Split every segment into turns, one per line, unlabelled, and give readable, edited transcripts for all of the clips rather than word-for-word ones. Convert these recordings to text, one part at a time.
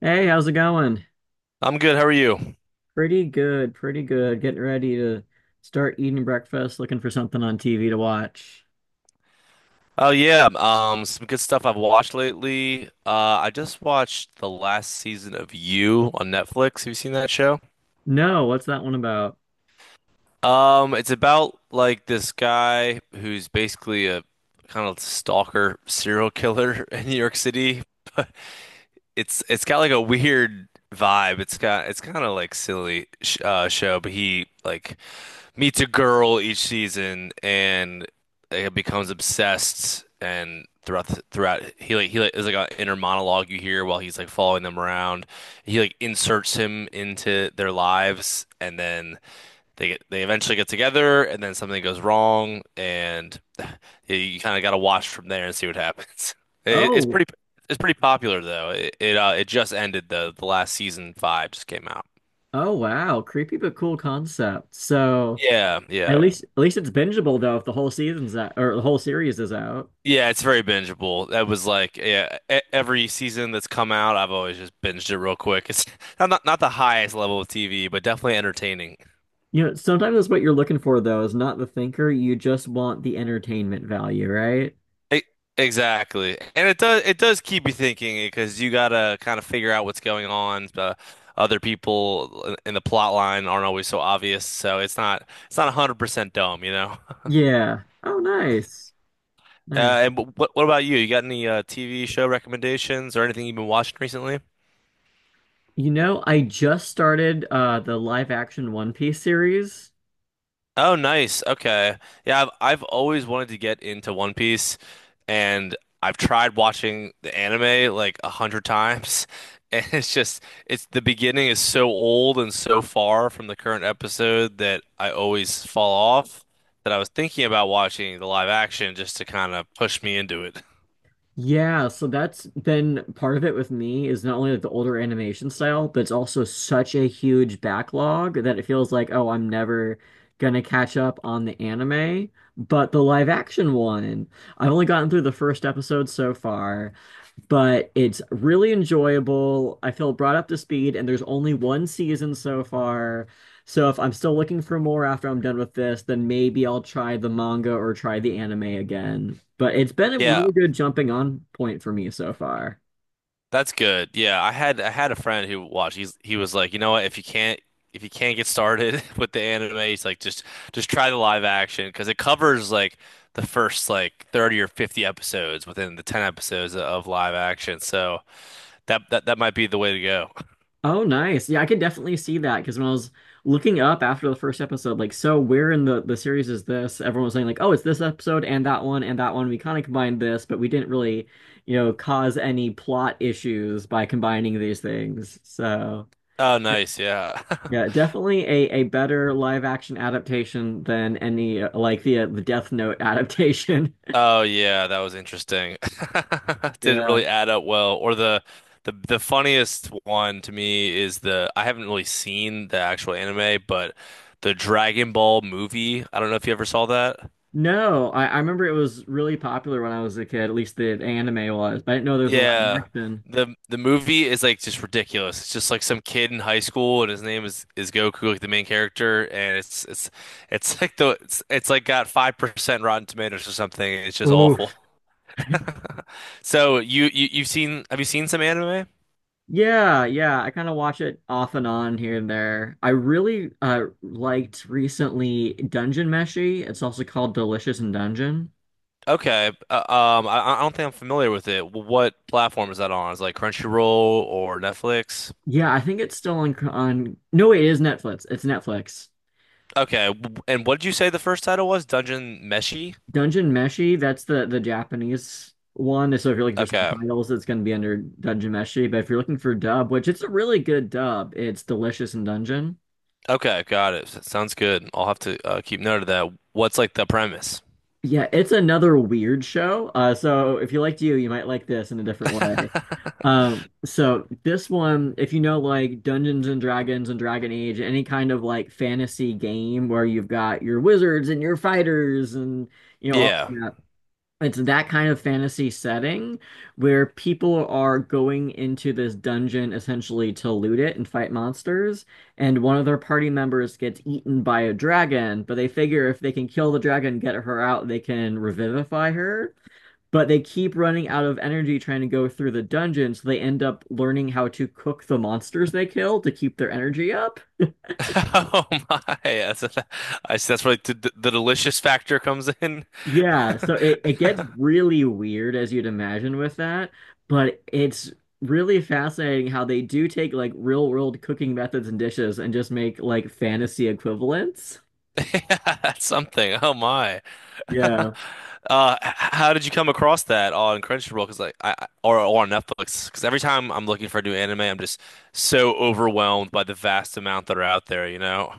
Hey, how's it going?
I'm good. How are you?
Pretty good, pretty good. Getting ready to start eating breakfast, looking for something on TV to watch.
Oh yeah, some good stuff I've watched lately. I just watched the last season of You on Netflix. Have you seen that show?
No, what's that one about?
It's about like this guy who's basically a kind of stalker serial killer in New York City. It's got like a weird vibe. It's kind of like silly sh show, but he like meets a girl each season and becomes obsessed and throughout he like there's like an inner monologue you hear while he's like following them around. He like inserts him into their lives and then they eventually get together, and then something goes wrong and you kind of got to watch from there and see what happens. It's
Oh,
pretty it's pretty popular though. It just ended though. The last season five just came out.
oh wow, creepy but cool concept. So
Yeah,
at
yeah.
least at least it's bingeable though if the whole season's out or the whole series is out.
Yeah, it's very bingeable. That was like yeah, every season that's come out, I've always just binged it real quick. It's not the highest level of TV, but definitely entertaining.
You know, sometimes that's what you're looking for though, is not the thinker. You just want the entertainment value, right?
E- exactly, and it does keep you thinking because you gotta kind of figure out what's going on. The other people in the plot line aren't always so obvious, so it's not 100% dumb, you know.
Yeah. Oh, nice. Nice.
And what what about you? You got any TV show recommendations or anything you've been watching recently?
You know, I just started the live action One Piece series.
Oh, nice. Okay. Yeah, I've always wanted to get into One Piece, and I've tried watching the anime like a hundred times, and it's just it's the beginning is so old and so far from the current episode that I always fall off, that I was thinking about watching the live action just to kind of push me into it.
Yeah, so that's been part of it with me is not only like the older animation style, but it's also such a huge backlog that it feels like, oh, I'm never gonna catch up on the anime. But the live action one, I've only gotten through the first episode so far but it's really enjoyable. I feel brought up to speed, and there's only one season so far. So if I'm still looking for more after I'm done with this, then maybe I'll try the manga or try the anime again. But it's been a
Yeah,
really good jumping on point for me so far.
that's good. Yeah, I had a friend who watched. He was like, you know what? If you can't get started with the anime, he's like just try the live action because it covers like the first like 30 or 50 episodes within the 10 episodes of live action. So that might be the way to go.
Oh, nice. Yeah, I could definitely see that because when I was looking up after the first episode, like, so where in the series is this? Everyone was saying like, oh, it's this episode and that one and that one. We kind of combined this, but we didn't really, cause any plot issues by combining these things. So
Oh, nice. Yeah.
yeah, definitely a better live action adaptation than any like the Death Note adaptation.
Oh yeah, that was interesting. Didn't
Yeah.
really add up well. Or the the funniest one to me is the I haven't really seen the actual anime, but the Dragon Ball movie. I don't know if you ever saw that.
No, I remember it was really popular when I was a kid. At least the anime was, but I didn't know there was a live
Yeah.
action.
The movie is like just ridiculous. It's just like some kid in high school and his name is Goku, like the main character, and it's like it's like got 5% Rotten Tomatoes or something. It's just awful.
Oof.
So you've seen have you seen some anime?
Yeah, yeah, I kind of watch it off and on here and there. I really liked recently Dungeon Meshi. It's also called Delicious in Dungeon.
Okay. I, don't think I'm familiar with it. What platform is that on? Is it like Crunchyroll or Netflix?
Yeah, I think it's still on No, wait, it is Netflix. It's Netflix.
Okay. And what did you say the first title was? Dungeon Meshi?
Dungeon Meshi, that's the Japanese one. So if you're looking for
Okay.
subtitles, it's going to be under Dungeon Meshi, but if you're looking for dub, which it's a really good dub, it's Delicious in Dungeon.
Okay, got it. Sounds good. I'll have to keep note of that. What's like the premise?
Yeah, it's another weird show. So if you liked you, you might like this in a different way. So this one, if you know like Dungeons and Dragons and Dragon Age, any kind of like fantasy game where you've got your wizards and your fighters and you know all
Yeah.
that, it's that kind of fantasy setting where people are going into this dungeon essentially to loot it and fight monsters, and one of their party members gets eaten by a dragon, but they figure if they can kill the dragon, get her out, they can revivify her but they keep running out of energy trying to go through the dungeon, so they end up learning how to cook the monsters they kill to keep their energy up.
Oh my. That's, I see that's where like, the delicious factor comes in.
Yeah, so it gets really weird as you'd imagine with that, but it's really fascinating how they do take like real world cooking methods and dishes and just make like fantasy equivalents.
Yeah, that's something. Oh my.
Yeah.
How did you come across that on Crunchyroll? Because like or on Netflix? Because every time I'm looking for a new anime, I'm just so overwhelmed by the vast amount that are out there. You know?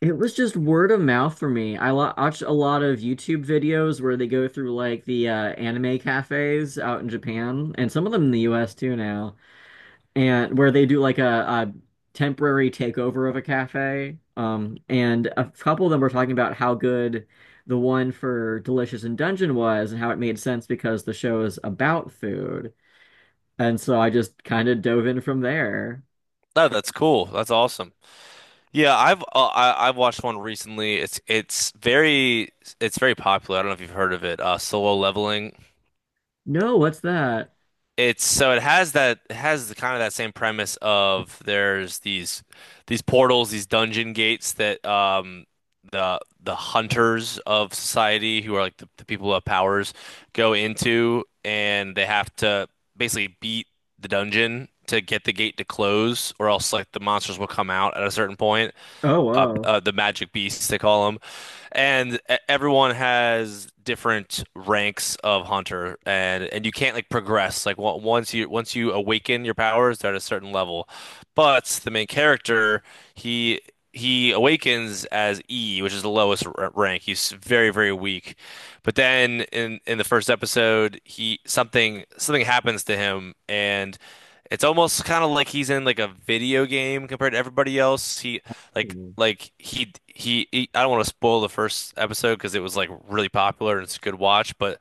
It was just word of mouth for me. I watched a lot of YouTube videos where they go through like the anime cafes out in Japan and some of them in the US too now and where they do like a temporary takeover of a cafe. And a couple of them were talking about how good the one for Delicious in Dungeon was and how it made sense because the show is about food. And so I just kind of dove in from there.
No, that's cool. That's awesome. Yeah, I've I've watched one recently. It's very popular. I don't know if you've heard of it. Solo Leveling.
No, what's that?
It's so it has the kind of that same premise of there's these portals, these dungeon gates that the hunters of society who are like the people who have powers go into, and they have to basically beat the dungeon to get the gate to close, or else like the monsters will come out at a certain point
Oh, whoa.
the magic beasts they call them, and everyone has different ranks of hunter, and you can't like progress like once you awaken your powers, they're at a certain level, but the main character he. He awakens as E, which is the lowest r rank. He's very, very weak. But then in the first episode, he something happens to him, and it's almost kind of like he's in like a video game compared to everybody else. He
Mhm.
I don't want to spoil the first episode because it was like really popular and it's a good watch,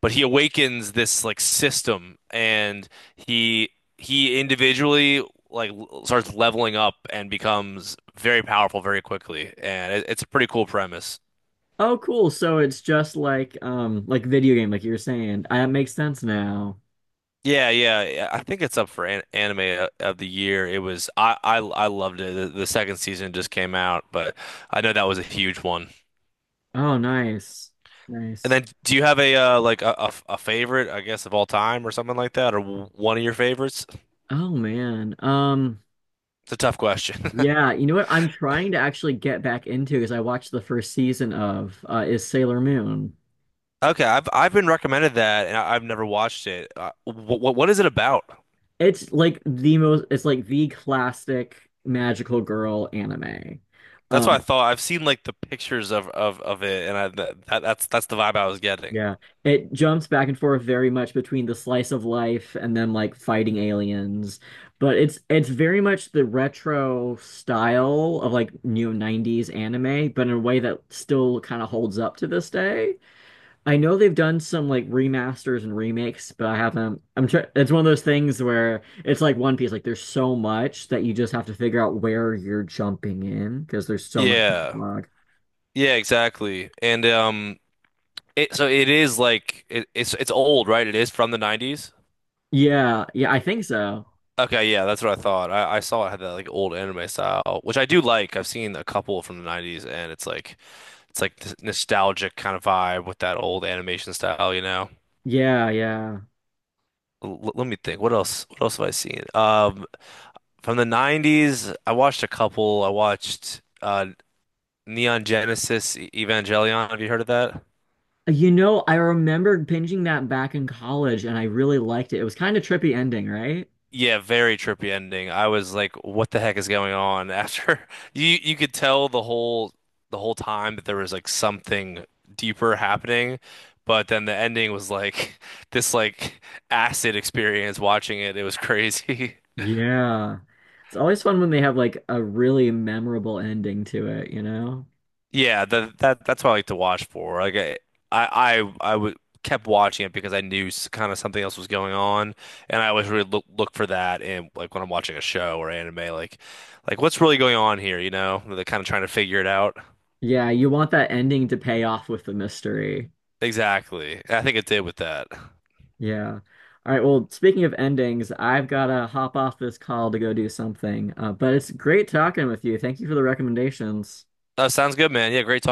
but he awakens this like system, and he he individually starts leveling up and becomes very powerful very quickly, and it's a pretty cool premise.
Oh, cool. So it's just like video game, like you were saying. That makes sense now.
Yeah, yeah, yeah, I think it's up for an anime of the year. It was I loved it. The second season just came out, but I know that was a huge one.
Oh, nice.
And
Nice.
then, do you have a like a favorite, I guess, of all time or something like that, or one of your favorites?
Oh man.
It's a tough question.
Yeah, you know what? I'm trying to actually get back into because I watched the first season of is Sailor Moon.
Okay, I've been recommended that, and I've never watched it. What is it about?
It's like the most. It's like the classic magical girl anime.
That's what
Um,
I thought. I've seen like the pictures of it, and I th that, that's the vibe I was getting.
yeah, it jumps back and forth very much between the slice of life and them like fighting aliens, but it's very much the retro style of like new 90s anime, but in a way that still kind of holds up to this day. I know they've done some like remasters and remakes, but I haven't. I'm trying. It's one of those things where it's like One Piece. Like there's so much that you just have to figure out where you're jumping in because there's so much
Yeah,
backlog.
yeah, exactly. And it so it is like it's old, right? It is from the '90s.
Yeah, yeah, I think so.
Okay, yeah, that's what I thought. I saw it had that like old anime style, which I do like. I've seen a couple from the 90s, and it's like this nostalgic kind of vibe with that old animation style, you know.
Yeah, yeah.
L Let me think. What else? What else have I seen? From the 90s, I watched a couple. I watched Neon Genesis Evangelion. Have you heard of that?
You know, I remembered binging that back in college, and I really liked it. It was kind of trippy ending, right?
Yeah, very trippy ending. I was like, what the heck is going on after you could tell the whole time that there was like something deeper happening, but then the ending was like this like acid experience watching it. It was crazy.
Yeah. It's always fun when they have like a really memorable ending to it, you know?
Yeah, that that's what I like to watch for. Like I would kept watching it because I knew kind of something else was going on, and I always really look for that. And like when I'm watching a show or anime, like what's really going on here, you know? They're kind of trying to figure it out.
Yeah, you want that ending to pay off with the mystery.
Exactly. I think it did with that.
Yeah. All right. Well, speaking of endings, I've got to hop off this call to go do something. But it's great talking with you. Thank you for the recommendations.
Oh, sounds good, man. Yeah, great talk.